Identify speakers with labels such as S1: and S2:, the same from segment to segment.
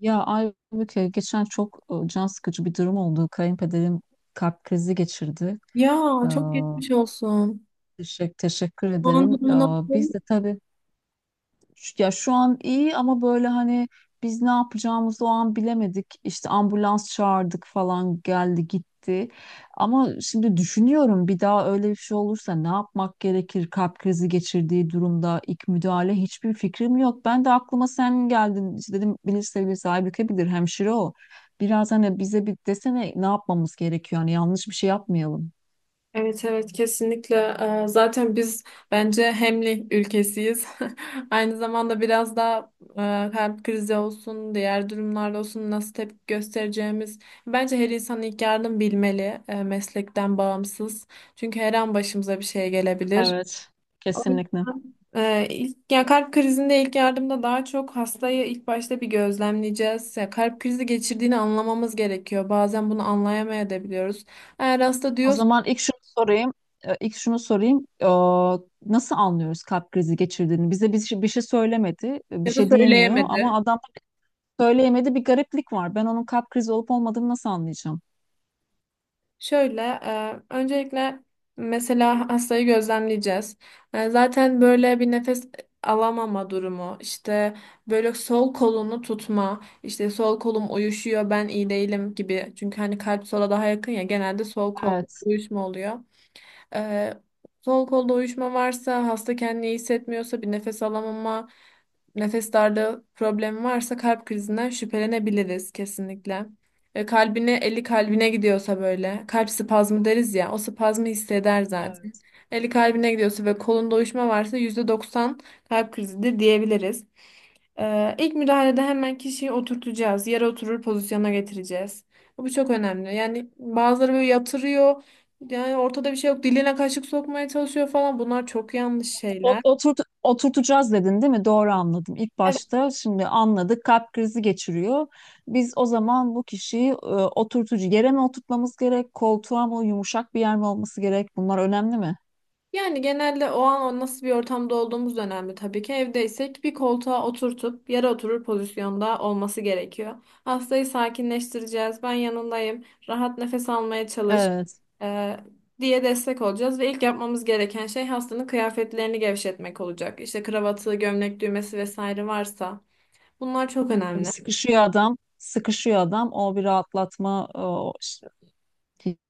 S1: Ya Aybüke geçen çok can sıkıcı bir durum oldu. Kayınpederim kalp krizi geçirdi.
S2: Ya,
S1: Ee,
S2: çok geçmiş olsun.
S1: teşekkür
S2: Şu an
S1: ederim.
S2: durumu nasıl?
S1: Biz de tabii ya şu an iyi ama böyle hani biz ne yapacağımızı o an bilemedik. İşte ambulans çağırdık falan, geldi gitti. Ama şimdi düşünüyorum, bir daha öyle bir şey olursa ne yapmak gerekir? Kalp krizi geçirdiği durumda ilk müdahale, hiçbir fikrim yok. Ben de aklıma sen geldin. İşte dedim, bilirse bilir Aybüke, bilir, hemşire o. Biraz hani bize bir desene, ne yapmamız gerekiyor? Hani yanlış bir şey yapmayalım.
S2: Evet, evet, kesinlikle. Zaten biz bence hemli ülkesiyiz. Aynı zamanda biraz daha kalp krizi olsun, diğer durumlarda olsun nasıl tepki göstereceğimiz. Bence her insan ilk yardım bilmeli, meslekten bağımsız. Çünkü her an başımıza bir şey gelebilir.
S1: Evet.
S2: O
S1: Kesinlikle.
S2: yüzden, ya kalp krizinde ilk yardımda daha çok hastayı ilk başta bir gözlemleyeceğiz. Ya kalp krizi geçirdiğini anlamamız gerekiyor. Bazen bunu anlayamayabiliyoruz. Eğer hasta
S1: O
S2: diyorsa
S1: zaman ilk şunu sorayım. İlk şunu sorayım. Nasıl anlıyoruz kalp krizi geçirdiğini? Bize bir şey, bir şey söylemedi, bir
S2: ya da
S1: şey diyemiyor
S2: söyleyemedi.
S1: ama adam söyleyemedi, bir gariplik var. Ben onun kalp krizi olup olmadığını nasıl anlayacağım?
S2: Şöyle, öncelikle mesela hastayı gözlemleyeceğiz. Zaten böyle bir nefes alamama durumu, işte böyle sol kolunu tutma, işte sol kolum uyuşuyor, ben iyi değilim gibi. Çünkü hani kalp sola daha yakın ya, genelde sol kol
S1: Evet.
S2: uyuşma oluyor. Ee, Sol kolda uyuşma varsa, hasta kendini iyi hissetmiyorsa, bir nefes alamama, nefes darlığı problemi varsa kalp krizinden şüphelenebiliriz kesinlikle. Kalbine, eli kalbine gidiyorsa böyle, kalp spazmı deriz ya, o spazmı hisseder zaten.
S1: Evet.
S2: Eli kalbine gidiyorsa ve kolunda uyuşma varsa %90 kalp krizidir diyebiliriz. İlk müdahalede hemen kişiyi oturtacağız. Yere oturur pozisyona getireceğiz. Bu çok önemli. Yani bazıları böyle yatırıyor. Yani ortada bir şey yok. Diline kaşık sokmaya çalışıyor falan. Bunlar çok yanlış şeyler.
S1: Oturt, oturtacağız dedin değil mi? Doğru anladım. İlk
S2: Evet.
S1: başta şimdi anladık, kalp krizi geçiriyor. Biz o zaman bu kişiyi oturtucu, yere mi oturtmamız gerek? Koltuğa mı, yumuşak bir yer mi olması gerek? Bunlar önemli mi?
S2: Yani genelde o an o nasıl bir ortamda olduğumuz da önemli tabii ki. Evdeysek bir koltuğa oturtup yere oturur pozisyonda olması gerekiyor. Hastayı sakinleştireceğiz. Ben yanındayım. Rahat nefes almaya çalış.
S1: Evet.
S2: e, diye destek olacağız ve ilk yapmamız gereken şey hastanın kıyafetlerini gevşetmek olacak. İşte kravatı, gömlek düğmesi vesaire varsa bunlar çok
S1: Tabii
S2: önemli.
S1: sıkışıyor adam, sıkışıyor adam. O bir rahatlatma, o işte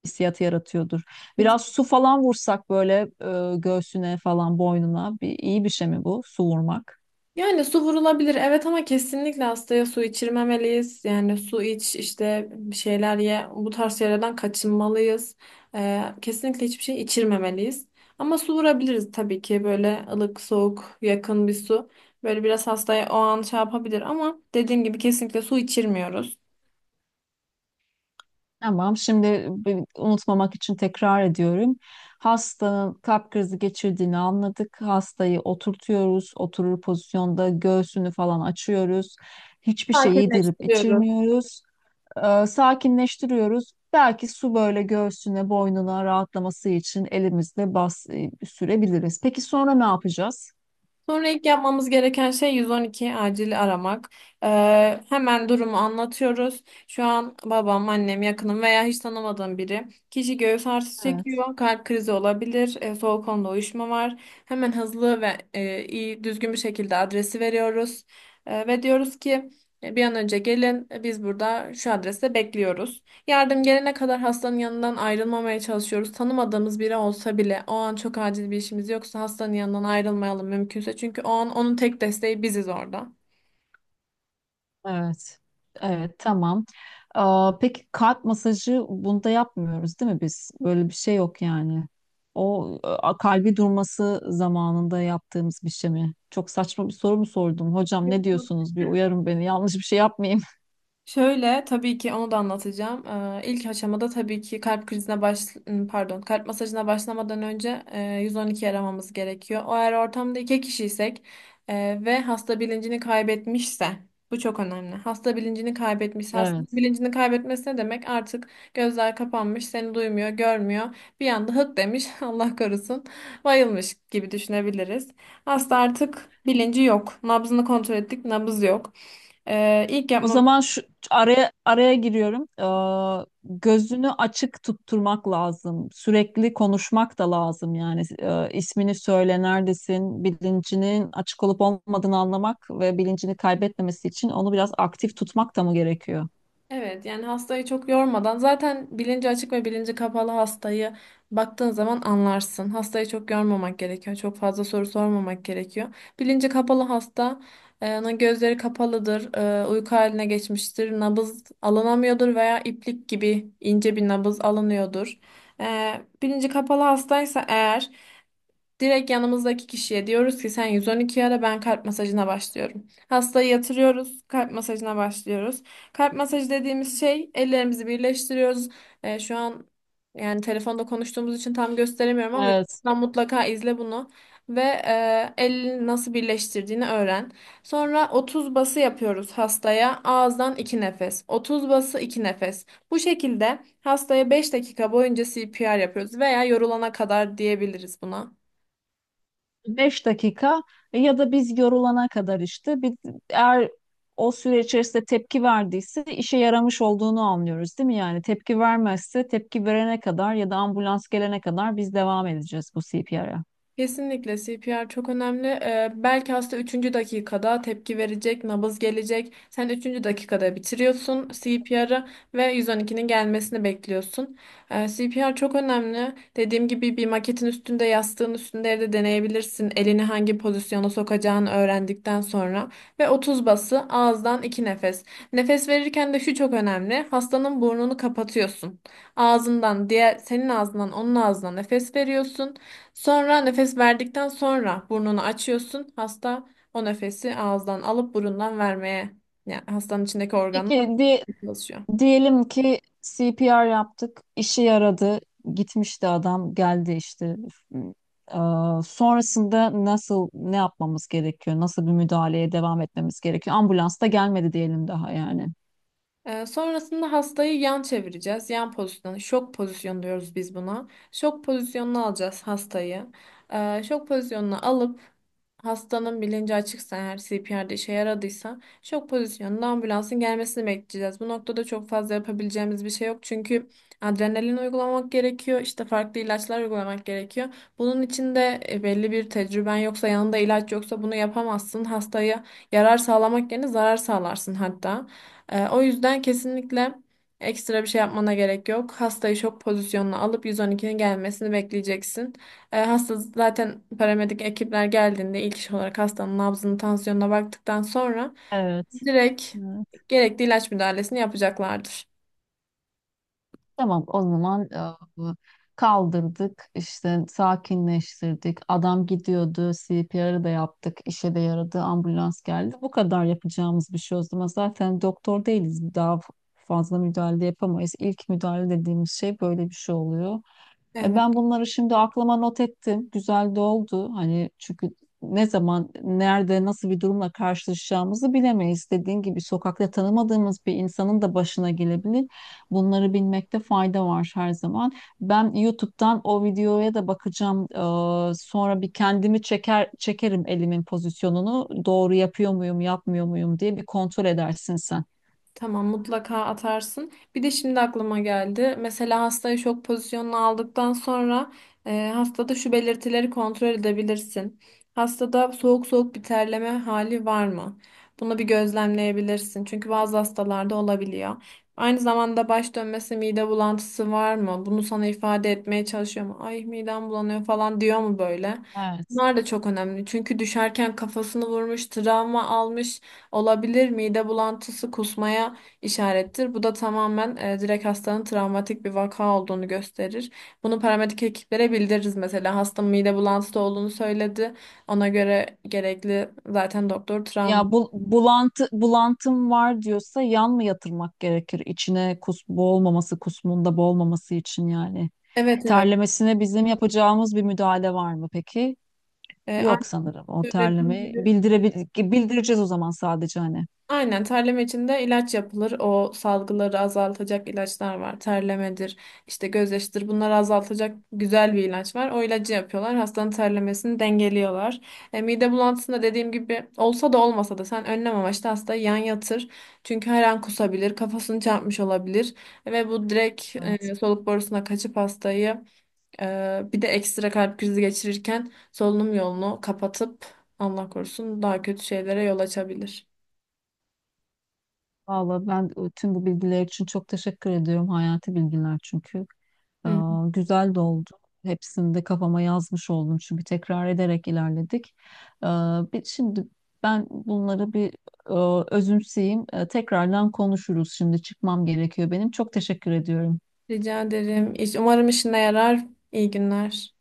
S1: hissiyatı yaratıyordur. Biraz su falan vursak böyle göğsüne falan, boynuna, bir, iyi bir şey mi bu su vurmak?
S2: Yani su vurulabilir, evet, ama kesinlikle hastaya su içirmemeliyiz. Yani su iç, işte bir şeyler ye, bu tarz şeylerden kaçınmalıyız. Kesinlikle hiçbir şey içirmemeliyiz. Ama su vurabiliriz tabii ki, böyle ılık soğuk yakın bir su. Böyle biraz hastaya o an şey yapabilir ama dediğim gibi kesinlikle su içirmiyoruz.
S1: Tamam. Şimdi unutmamak için tekrar ediyorum. Hastanın kalp krizi geçirdiğini anladık. Hastayı oturtuyoruz. Oturur pozisyonda göğsünü falan açıyoruz. Hiçbir şey yedirip
S2: Sakinleştiriyoruz.
S1: içirmiyoruz. Sakinleştiriyoruz. Belki su böyle göğsüne, boynuna, rahatlaması için elimizle bas, sürebiliriz. Peki sonra ne yapacağız?
S2: Sonra ilk yapmamız gereken şey 112 acil aramak. Hemen durumu anlatıyoruz. Şu an babam, annem, yakınım veya hiç tanımadığım biri. Kişi göğüs ağrısı
S1: Evet,
S2: çekiyor, kalp krizi olabilir, soğuk onda uyuşma var. Hemen hızlı ve iyi, düzgün bir şekilde adresi veriyoruz. Ve diyoruz ki bir an önce gelin, biz burada şu adreste bekliyoruz. Yardım gelene kadar hastanın yanından ayrılmamaya çalışıyoruz. Tanımadığımız biri olsa bile o an çok acil bir işimiz yoksa hastanın yanından ayrılmayalım mümkünse. Çünkü o an onun tek desteği biziz orada.
S1: evet. Evet, tamam. Peki kalp masajı bunda yapmıyoruz değil mi biz? Böyle bir şey yok yani. O kalbi durması zamanında yaptığımız bir şey mi? Çok saçma bir soru mu sordum? Hocam ne diyorsunuz? Bir uyarın beni. Yanlış bir şey yapmayayım.
S2: Şöyle, tabii ki onu da anlatacağım. İlk aşamada tabii ki kalp krizine baş ım, pardon kalp masajına başlamadan önce 112 aramamız gerekiyor. O, eğer ortamda iki kişiysek ve hasta bilincini kaybetmişse bu çok önemli. Hasta bilincini kaybetmişse, hasta bilincini kaybetmesi ne demek? Artık gözler kapanmış, seni duymuyor, görmüyor. Bir anda hık demiş, Allah korusun, bayılmış gibi düşünebiliriz. Hasta artık bilinci yok. Nabzını kontrol ettik, nabız yok. İlk
S1: O
S2: yapmamız
S1: zaman şu araya araya giriyorum. Gözünü açık tutturmak lazım. Sürekli konuşmak da lazım yani. İsmini söyle, neredesin, bilincinin açık olup olmadığını anlamak ve bilincini kaybetmemesi için onu biraz aktif tutmak da mı gerekiyor?
S2: Evet, yani hastayı çok yormadan zaten bilinci açık ve bilinci kapalı hastayı baktığın zaman anlarsın. Hastayı çok yormamak gerekiyor. Çok fazla soru sormamak gerekiyor. Bilinci kapalı hasta, onun gözleri kapalıdır, uyku haline geçmiştir, nabız alınamıyordur veya iplik gibi ince bir nabız alınıyordur. E, Bilinci kapalı hastaysa eğer, direkt yanımızdaki kişiye diyoruz ki sen 112 ara, ben kalp masajına başlıyorum. Hastayı yatırıyoruz, kalp masajına başlıyoruz. Kalp masajı dediğimiz şey, ellerimizi birleştiriyoruz. Şu an yani telefonda konuştuğumuz için tam gösteremiyorum ama
S1: Evet.
S2: YouTube'dan mutlaka izle bunu ve elini nasıl birleştirdiğini öğren. Sonra 30 bası yapıyoruz hastaya. Ağızdan 2 nefes. 30 bası, 2 nefes. Bu şekilde hastaya 5 dakika boyunca CPR yapıyoruz veya yorulana kadar diyebiliriz buna.
S1: 5 dakika ya da biz yorulana kadar, işte bir, eğer o süre içerisinde tepki verdiyse işe yaramış olduğunu anlıyoruz değil mi? Yani tepki vermezse, tepki verene kadar ya da ambulans gelene kadar biz devam edeceğiz bu CPR'a.
S2: Kesinlikle CPR çok önemli. Belki hasta üçüncü dakikada tepki verecek, nabız gelecek. Sen üçüncü dakikada bitiriyorsun CPR'ı ve 112'nin gelmesini bekliyorsun. CPR çok önemli. Dediğim gibi bir maketin üstünde, yastığın üstünde evde deneyebilirsin. Elini hangi pozisyona sokacağını öğrendikten sonra. Ve 30 bası, ağızdan 2 nefes. Nefes verirken de şu çok önemli. Hastanın burnunu kapatıyorsun. Ağzından, diğer senin ağzından, onun ağzına nefes veriyorsun. Sonra nefes verdikten sonra burnunu açıyorsun. Hasta o nefesi ağızdan alıp burundan vermeye, yani hastanın içindeki organlar
S1: Peki
S2: böyle çalışıyor.
S1: diyelim ki CPR yaptık, işe yaradı, gitmişti adam, geldi işte. Sonrasında nasıl, ne yapmamız gerekiyor? Nasıl bir müdahaleye devam etmemiz gerekiyor? Ambulans da gelmedi diyelim daha, yani.
S2: Sonrasında hastayı yan çevireceğiz. Yan pozisyonu, şok pozisyonu diyoruz biz buna. Şok pozisyonuna alacağız hastayı. Şok pozisyonuna alıp hastanın bilinci açıksa eğer, CPR'de işe yaradıysa, şok pozisyonunda ambulansın gelmesini bekleyeceğiz. Bu noktada çok fazla yapabileceğimiz bir şey yok. Çünkü adrenalin uygulamak gerekiyor. İşte farklı ilaçlar uygulamak gerekiyor. Bunun için de belli bir tecrüben yoksa, yanında ilaç yoksa bunu yapamazsın. Hastaya yarar sağlamak yerine zarar sağlarsın hatta. O yüzden kesinlikle ekstra bir şey yapmana gerek yok. Hastayı şok pozisyonuna alıp 112'nin gelmesini bekleyeceksin. Hasta zaten paramedik ekipler geldiğinde ilk iş olarak hastanın nabzını, tansiyonuna baktıktan sonra
S1: Evet.
S2: direkt gerekli ilaç müdahalesini yapacaklardır.
S1: Tamam, o zaman kaldırdık işte, sakinleştirdik, adam gidiyordu, CPR'ı da yaptık, işe de yaradı, ambulans geldi. Bu kadar yapacağımız bir şey o zaman, zaten doktor değiliz, daha fazla müdahale yapamayız. İlk müdahale dediğimiz şey böyle bir şey oluyor.
S2: Evet.
S1: Ben bunları şimdi aklıma not ettim. Güzel de oldu. Hani çünkü ne zaman, nerede, nasıl bir durumla karşılaşacağımızı bilemeyiz. Dediğin gibi sokakta tanımadığımız bir insanın da başına gelebilir. Bunları bilmekte fayda var her zaman. Ben YouTube'dan o videoya da bakacağım. Sonra bir kendimi çeker çekerim elimin pozisyonunu. Doğru yapıyor muyum, yapmıyor muyum diye bir kontrol edersin sen.
S2: Tamam, mutlaka atarsın. Bir de şimdi aklıma geldi. Mesela hastayı şok pozisyonuna aldıktan sonra hastada şu belirtileri kontrol edebilirsin. Hastada soğuk soğuk bir terleme hali var mı? Bunu bir gözlemleyebilirsin. Çünkü bazı hastalarda olabiliyor. Aynı zamanda baş dönmesi, mide bulantısı var mı? Bunu sana ifade etmeye çalışıyor mu? Ay, midem bulanıyor falan diyor mu böyle?
S1: Evet.
S2: Bunlar da çok önemli. Çünkü düşerken kafasını vurmuş, travma almış. Olabilir, mide bulantısı kusmaya işarettir. Bu da tamamen direkt hastanın travmatik bir vaka olduğunu gösterir. Bunu paramedik ekiplere bildiririz mesela. Hasta mide bulantısı olduğunu söyledi. Ona göre gerekli, zaten doktor travma.
S1: Ya bu, bulantı, bulantım var diyorsa yan mı yatırmak gerekir? İçine kus, boğulmaması, kusmunda boğulmaması için yani.
S2: Evet, evet.
S1: Terlemesine bizim yapacağımız bir müdahale var mı peki?
S2: E, aynı
S1: Yok sanırım. O
S2: söylediğim
S1: terlemeyi
S2: gibi
S1: bildireceğiz o zaman, sadece hani.
S2: Aynen, terleme için de ilaç yapılır. O salgıları azaltacak ilaçlar var. Terlemedir, işte gözyaşıdır. Bunları azaltacak güzel bir ilaç var. O ilacı yapıyorlar. Hastanın terlemesini dengeliyorlar. Mide bulantısında dediğim gibi olsa da olmasa da sen önlem amaçlı hastayı yan yatır. Çünkü her an kusabilir, kafasını çarpmış olabilir ve bu direkt
S1: Evet.
S2: soluk borusuna kaçıp hastayı, bir de ekstra kalp krizi geçirirken solunum yolunu kapatıp Allah korusun daha kötü şeylere yol açabilir.
S1: Valla ben tüm bu bilgiler için çok teşekkür ediyorum. Hayati bilgiler çünkü. Ee, Güzel de oldu. Hepsini de kafama yazmış oldum çünkü tekrar ederek ilerledik. Ee, Şimdi ben bunları bir özümseyeyim. Tekrardan konuşuruz. Şimdi çıkmam gerekiyor benim. Çok teşekkür ediyorum.
S2: Rica ederim. Umarım işine yarar. İyi günler.